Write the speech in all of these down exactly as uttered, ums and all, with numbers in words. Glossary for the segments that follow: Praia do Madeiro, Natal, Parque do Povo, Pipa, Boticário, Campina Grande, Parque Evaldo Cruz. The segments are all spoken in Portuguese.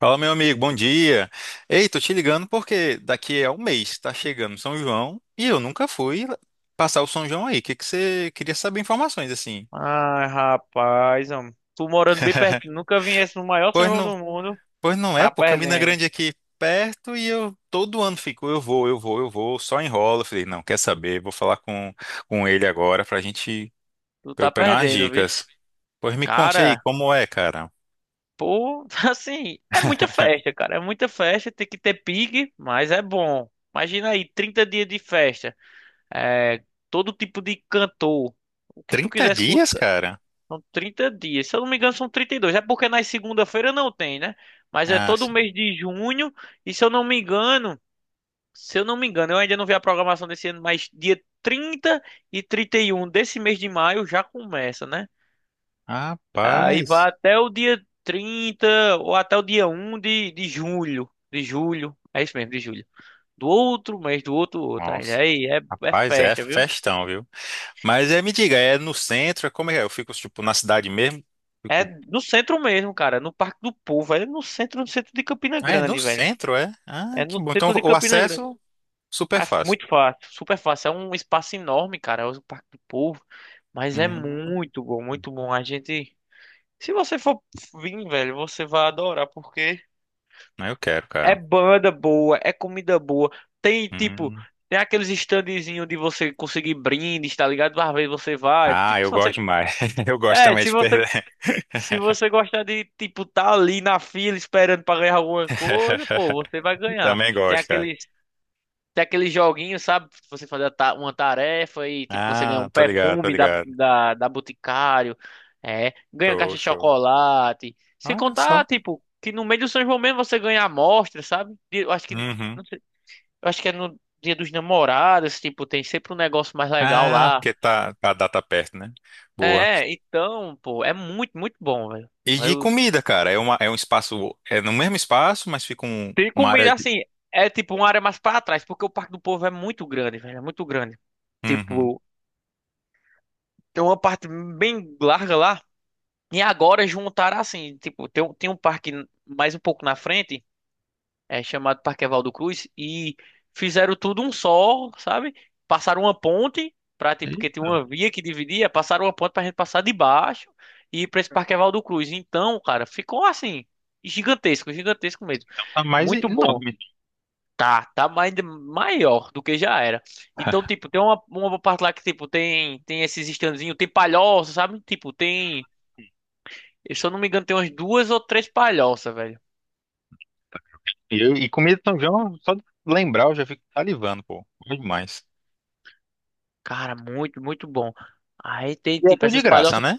Fala, meu amigo, bom dia. Ei, tô te ligando porque daqui a um mês tá chegando São João e eu nunca fui passar o São João aí. O que que você queria saber informações assim? Ai, rapaz, homem. Tu morando bem perto, nunca viesse no maior São Pois João não, do mundo, pois não é, tá pô, Campina perdendo. Grande é aqui perto e eu todo ano fico, eu vou, eu vou, eu vou, só enrola. Eu falei, não, quer saber? Vou falar com, com ele agora pra gente, Tu pra tá eu pegar umas perdendo, viu? dicas. Pois me conte aí, Cara, como é, cara? pô, assim, é muita festa, cara. É muita festa, tem que ter pique, mas é bom. Imagina aí, trinta dias de festa. É, todo tipo de cantor. O que tu Trinta quiser dias, escutar. cara? São trinta dias. Se eu não me engano, são trinta e dois. É porque na segunda-feira não tem, né? Mas é Ah, todo sim. mês de junho. E se eu não me engano. Se eu não me engano, eu ainda não vi a programação desse ano, mas dia trinta e trinta e um desse mês de maio já começa, né? Aí Rapaz, vai até o dia trinta ou até o dia um de, de julho. De julho. É isso mesmo, de julho. Do outro mês, do outro outro. Aí nossa, aí é, é rapaz, é festa, viu? festão, viu? Mas é, me diga, é no centro? É como é? É? Eu fico, tipo, na cidade mesmo? É Fico... no centro mesmo, cara. No Parque do Povo. É no centro, no centro de Campina Ah, é no Grande, velho. centro, é? Ah, É que no bom. Então, centro de o Campina Grande. acesso, super É f- fácil. Muito fácil, super fácil. É um espaço enorme, cara. É o Parque do Povo. Mas é Hum, muito bom, muito bom. A gente. Se você for vir, velho, você vai adorar, porque eu quero, é cara. banda boa, é comida boa. Tem, tipo, Hum. tem aqueles standzinhos de você conseguir brindes, tá ligado? Às vezes você vai. Ah, Fica, eu se gosto você. demais. Eu gosto É, também se de você. perder. Se você gostar de, tipo, tá ali na fila esperando pra ganhar alguma coisa, pô, você vai ganhar. Também Tem gosto, cara. aqueles. Tem aquele joguinho, sabe? Você fazer a ta- uma tarefa e tipo, você ganha Ah, um tô ligado, tô perfume da, ligado. da, da Boticário, é, ganha Show, caixa de show. chocolate. Sem Olha só. contar, tipo, que no meio do São João mesmo você ganha amostra, sabe? E eu acho que, Uhum. não sei, eu acho que é no Dia dos Namorados, tipo, tem sempre um negócio mais legal Ah, lá. porque tá, tá, a data perto, né? É, Boa. é, então, pô, é muito, muito bom, velho. E de Eu comida, cara, é, uma, é um espaço, é no mesmo espaço, mas fica um, Tem uma área comida de... assim, é tipo uma área mais pra trás, porque o Parque do Povo é muito grande, velho, é muito grande. Uhum. Tipo, tem uma parte bem larga lá. E agora juntaram assim, tipo, tem, um- tem um parque mais um pouco na frente, é chamado Parque Evaldo Cruz, e fizeram tudo um só, sabe? Passaram uma ponte pra, tipo, porque tinha uma via que dividia, passaram uma ponte pra gente passar de baixo e ir pra esse Parque Evaldo Cruz. Então, cara, ficou assim, gigantesco, gigantesco mesmo. Tá mais Muito bom. enorme. Tá, tá mais, maior do que já era. Então, tipo, tem uma, uma parte lá que, tipo, tem, tem esses estandezinhos, tem palhoça, sabe? Tipo, tem. E se eu não me engano, tem umas duas ou três palhoças, velho. E, eu- e comida de São João, só de lembrar, eu já fico salivando, pô. Bom demais. Cara, muito, muito bom. Aí tem, E é tipo, tudo de essas graça, palhoças. né?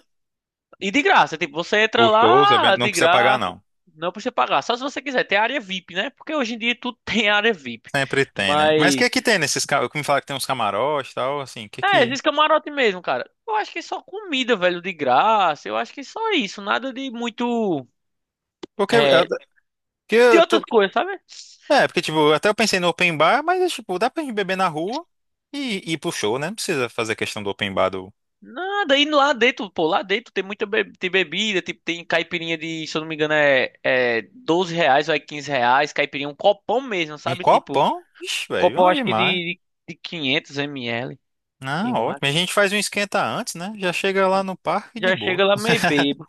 E de graça, tipo, você entra Os shows, lá ah, eventos, não de precisa pagar, graça. não. Não precisa pagar. Só se você quiser. Tem área V I P, né? Porque hoje em dia tudo tem área V I P. Sempre tem, né? Mas o que Mas. é que tem nesses... ca- me fala que tem uns camarotes e tal, assim, o que É, que... esses camarote mesmo, cara. Eu acho que só comida, velho, de graça. Eu acho que só isso. Nada de muito. Porque, é, É. porque De eu tô... outras coisas, sabe? É, porque, tipo, até eu pensei no open bar, mas, é, tipo, dá pra gente beber na rua e e ir pro show, né? Não precisa fazer questão do open bar do... Nada, e lá dentro, pô, lá dentro tem muita be- tem bebida, tipo, tem caipirinha de, se eu não me engano, é, é doze reais ou é quinze reais, caipirinha, um copão mesmo, Um sabe? Tipo, copão? Ixi, velho, copão bom acho que demais. de, de, quinhentos 500 ml, Não, eu ótimo. A acho. gente faz um esquenta antes, né? Já chega lá no parque de Já boa. chega lá meio bebo,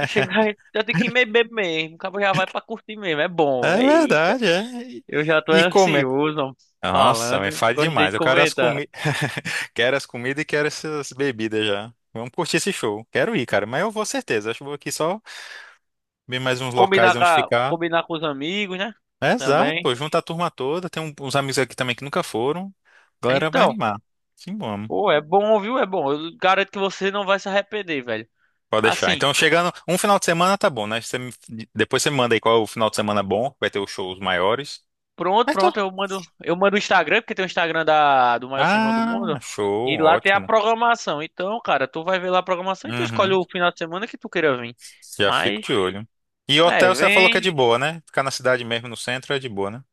e chega, já tem que ir meio bebo mesmo, o cabo já vai pra curtir mesmo, é bom, É eita. verdade, é. E, Eu já tô e comer. ansioso, ó, Nossa, me falando, fale gostei demais. de Eu quero as comentar. comidas, quero as comidas e quero essas bebidas já. Vamos curtir esse show. Quero ir, cara. Mas eu vou certeza. Acho que vou aqui só ver mais uns Combinar locais com, onde a- ficar. combinar com os amigos, né? É, exato, Também. pô. Junta a turma toda. Tem um- uns amigos aqui também que nunca foram. A galera vai Então, animar. Sim, vamos. pô, é bom, viu? É bom. Eu garanto que você não vai se arrepender, velho. Pode deixar. Assim, Então, chegando. Um final de semana tá bom, né? Você me- Depois você me manda aí qual é o final de semana bom. Vai ter os shows maiores. pronto, Mas tô- pronto, eu mando, eu mando o Instagram, porque tem o Instagram da, do maior São João do Ah, mundo, show. e lá tem a Ótimo. programação. Então, cara, tu vai ver lá a programação e tu escolhe Uhum. o final de semana que tu queira vir. Já fico Mas, de olho. E é, hotel você falou que é de vem. boa, né? Ficar na cidade mesmo, no centro, é de boa, né?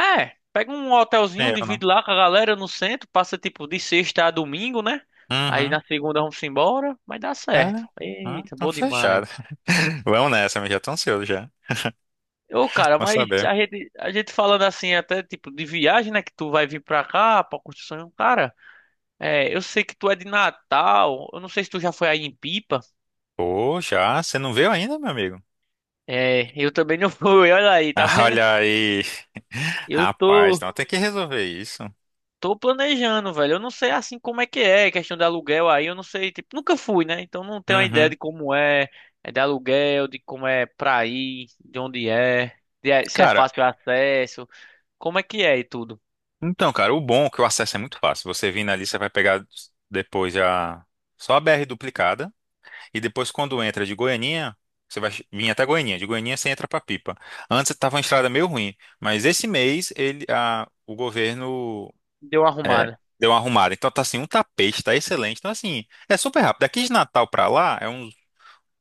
É, pega um Nem hotelzinho, erro, divide não. lá com a galera no centro, passa tipo de sexta a domingo, né? Aí Uhum. na segunda vamos embora, mas dá É, certo. né? Ah, Eita, então bom demais. fechado. Vamos nessa, mas já tô ansioso já. Ô, cara, Vamos mas saber. a gente, a gente falando assim, até tipo de viagem, né? Que tu vai vir pra cá, pra construção. Cara, é, eu sei que tu é de Natal. Eu não sei se tu já foi aí em Pipa. Pô, já? Você não veio ainda, meu amigo? É, eu também não fui. Olha aí, tá Ah, vendo? olha aí. Eu Rapaz, tô, então tem que resolver isso. Tô planejando, velho. Eu não sei assim como é que é, questão de aluguel aí. Eu não sei, tipo, nunca fui, né? Então não tenho a ideia Uhum. de como é, é de aluguel, de como é pra ir, de onde é, de- se é Cara, fácil o acesso, como é que é e tudo. então, cara, o bom é que o acesso é muito fácil. Você vindo ali, você vai pegar depois já só a B R duplicada. E depois, quando entra de Goianinha, você vai vir até Goianinha. De Goianinha você entra para Pipa. Antes estava uma estrada meio ruim, mas esse mês ele, a, o governo Deu uma é, arrumada. deu uma arrumada. Então tá assim, um tapete, tá excelente. Então assim, é super rápido. Daqui de Natal para lá é uns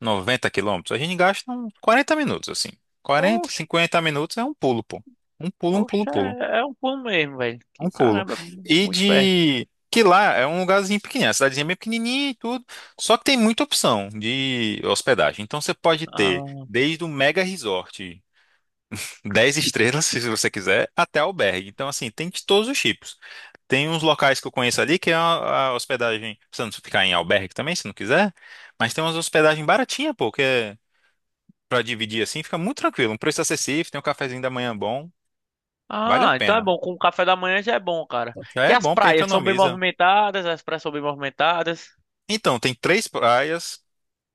noventa quilômetros. A gente gasta uns quarenta minutos, assim. quarenta, cinquenta minutos é um pulo, pô. Um pulo, um pulo, Oxe, pulo. é, é um pulo mesmo, velho. Um Que pulo. caramba, é mu- E muito perto. de que lá é um lugarzinho pequenininho, a cidadezinha é bem pequenininha e tudo, só que tem muita opção de hospedagem. Então você pode ter Ah, desde o mega resort dez estrelas, se você quiser, até albergue. Então assim, tem de todos os tipos. Tem uns locais que eu conheço ali que é a, a hospedagem, você não precisa ficar em albergue também, se não quiser, mas tem umas hospedagens baratinhas pô, que é para dividir assim, fica muito tranquilo, um preço acessível, tem um cafezinho da manhã bom, vale a ah, então é pena. bom. Com o café da manhã já é bom, cara. Já E é as bom porque praias são bem economiza. movimentadas, as praias são bem movimentadas. Então, tem três praias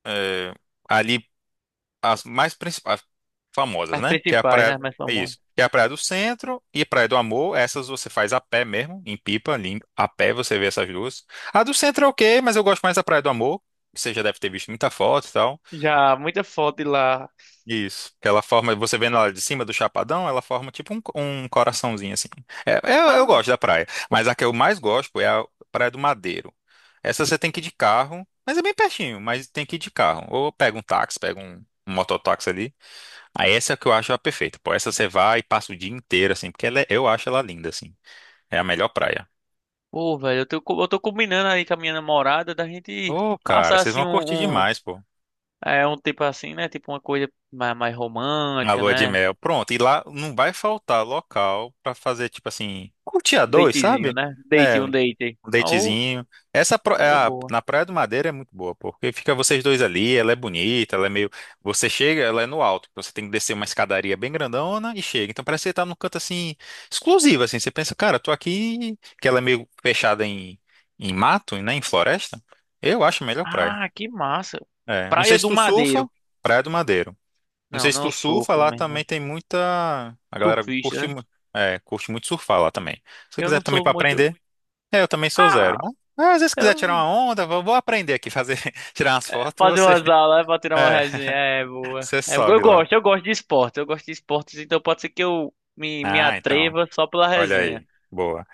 é, ali as mais principais, famosas, As né? Que é a principais, né? praia, As mais é famosas. isso. Que é a Praia do Centro e a Praia do Amor. Essas você faz a pé mesmo, em Pipa, ali, a pé você vê essas duas. A do Centro é ok, mas eu gosto mais da Praia do Amor. Você já deve ter visto muita foto e tal. Já, muita foto de lá. Isso. Que ela forma, você vendo ela de cima do Chapadão, ela forma tipo um, um coraçãozinho assim. É, eu, eu Ah, gosto da praia, mas a que eu mais gosto é a Praia do Madeiro. Essa você tem que ir de carro, mas é bem pertinho, mas tem que ir de carro. Ou pega um táxi, pega um, um mototáxi ali. Aí essa é a que eu acho a perfeita. Pô, essa você vai e passa o dia inteiro assim, porque ela é- eu acho ela linda assim. É a melhor praia. pô, velho, eu tô, co- eu tô combinando aí com a minha namorada da gente Ô, cara, passar vocês assim vão curtir um, um, demais, pô. é, um tipo assim, né? Tipo uma coisa mais, mais Na romântica, lua de né? mel. Pronto, e lá não vai faltar local pra fazer tipo assim, curtir a dois, Datezinho, sabe? né? Date, É, um um date. Oh, datezinho. Essa pro- é coisa a- boa. na Praia do Madeira é muito boa, porque fica vocês dois ali, ela é bonita, ela é meio. Você chega, ela é no alto, então você tem que descer uma escadaria bem grandona e chega. Então parece que você tá num canto assim, exclusivo, assim. Você pensa, cara, eu tô aqui, que ela é meio fechada em, em mato, né, em floresta. Eu acho a melhor praia. Ah, que massa. É. Não sei Praia se do tu surfa, Madeiro. Praia do Madeiro. Não Não, sei se não tu surfa, surfo, lá meu também irmão. tem muita. A galera Surfista, curte, né? mu- é, curte muito surfar lá também. Se você Eu quiser não também sou pra muito. aprender. É, eu também sou zero. Ah, Mas, ah, às vezes se quiser tirar eu uma onda, vou, vou aprender aqui fazer, tirar umas fotos, fazer você, umas aulas é pra tirar uma é, resenha é boa. você É, eu sobe lá. gosto, eu gosto de esportes, eu gosto de esportes, então pode ser que eu me, me Ah, então, atreva só pela olha resenha. aí. Boa.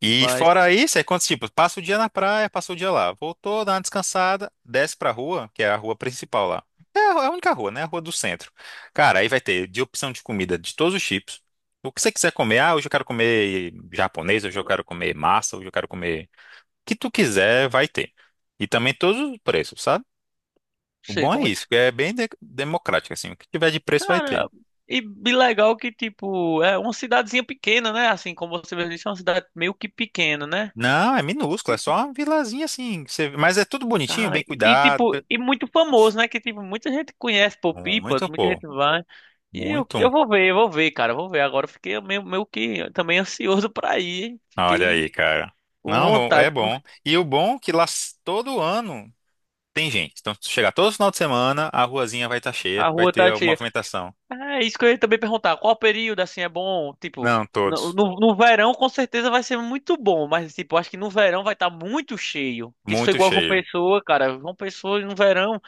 E Mas não fora isso, é quantos tipos? Passa o dia na praia, passa o dia lá. Voltou, dá uma descansada, desce pra rua, que é a rua principal lá. É a é a única rua, né? A rua do centro. Cara, aí vai ter de opção de comida de todos os tipos. O que você quiser comer, ah, hoje eu quero comer japonês, hoje eu quero comer massa, hoje eu quero comer. O que tu quiser, vai ter. E também todos os preços, sabe? O sei bom é como é. isso, que é bem de- democrático, assim. O que tiver de preço vai Cara, ter. e, e legal que, tipo, é uma cidadezinha pequena, né? Assim, como você mesmo disse, é uma cidade meio que pequena, né? Não, é minúsculo, é só uma vilazinha assim. que você- Mas é tudo bonitinho, Cara, bem e cuidado. tipo, pe- e muito famoso, né? Que tipo, muita gente conhece por Pipa, Muito, muita pô. gente vai. E eu, Muito. eu vou ver, eu vou ver, cara, eu vou ver. Agora eu fiquei meio, meio que também ansioso pra ir, hein? Olha Fiquei aí, cara. com Não, bom, é vontade, pô. bom. E o bom é que lá s- todo ano tem gente. Então, se chegar todo final de semana, a ruazinha vai estar cheia, A vai rua ter tá alguma cheia. movimentação. Ah, isso que eu ia também perguntar. Qual período, assim, é bom? Tipo, Não, no, todos. no, no verão com certeza vai ser muito bom, mas tipo, acho que no verão vai estar muito cheio. Que isso foi Muito igual com cheio. Pessoa, cara. Com Pessoa no verão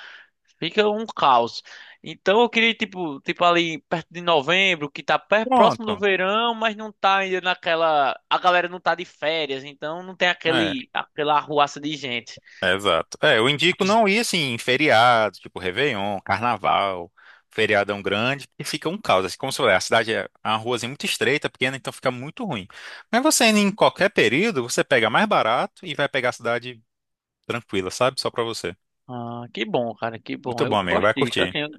fica um caos. Então eu queria, tipo, tipo ali perto de novembro, que tá per- próximo do Pronto. verão, mas não tá ainda naquela. A galera não tá de férias, então não tem É. aquele, aquela arruaça de gente. É, exato. É, eu indico não ir assim em feriado, tipo Réveillon, Carnaval, feriadão grande, porque fica um caos. Assim, como se fosse, a cidade é é uma ruazinha muito estreita, pequena, então fica muito ruim. Mas você indo em qualquer período, você pega mais barato e vai pegar a cidade tranquila, sabe? Só pra você. Ah, que bom, cara, que bom. Muito bom, Eu amigo. gosto Vai disso, curtir. assim, eu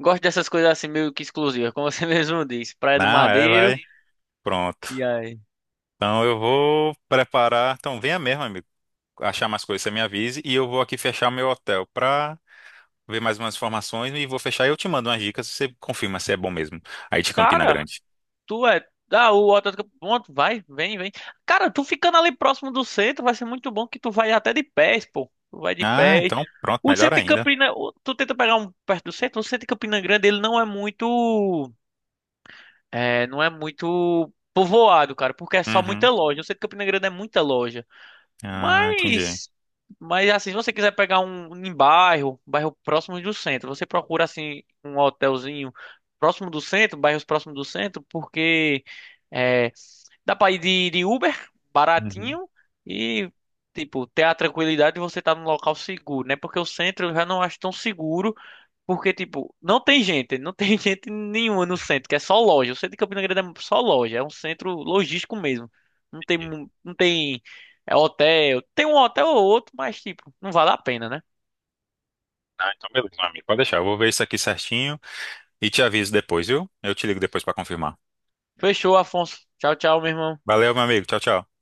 gosto dessas coisas assim meio que exclusivas, como você mesmo disse, Praia do Não, é, vai. Madeiro. Pronto. E aí? Então eu vou preparar. Então venha mesmo, amigo. Achar mais coisas, você me avise. E eu vou aqui fechar meu hotel pra ver mais umas informações e vou fechar e eu te mando umas dicas, você confirma se é bom mesmo. Aí de Campina Cara, Grande. tu é. Ah, o Atlético. Pronto, vai, vem, vem. Cara, tu ficando ali próximo do centro vai ser muito bom que tu vai até de pés, pô. Tu vai de Ah, pés. então pronto, O melhor centro de ainda. Campina. o- Tu tenta pegar um perto do centro. O centro de Campina Grande, ele não é muito. É, não é muito povoado, cara, porque é só Uhum. muita loja. O centro de Campina Grande é muita loja. Ah, entendi. Mas. Mas assim, se você quiser pegar um um em bairro, bairro próximo do centro, você procura assim um hotelzinho próximo do centro, bairros próximos do centro, porque, é, dá pra ir de, de Uber, Uhum. baratinho, e, tipo, ter a tranquilidade de você estar num local seguro, né? Porque o centro eu já não acho tão seguro, porque, tipo, não tem gente, não tem gente nenhuma no centro, que é só loja. O centro de Campina Grande é só loja, é um centro logístico mesmo. Não tem, mu- não tem, é hotel, tem um hotel ou outro, mas, tipo, não vale a pena, né? Ah, então beleza, meu amigo. Pode deixar, eu vou ver isso aqui certinho e te aviso depois, viu? Eu te ligo depois pra confirmar. Fechou, Afonso. Tchau, tchau, meu irmão. Valeu, meu amigo. Tchau, tchau.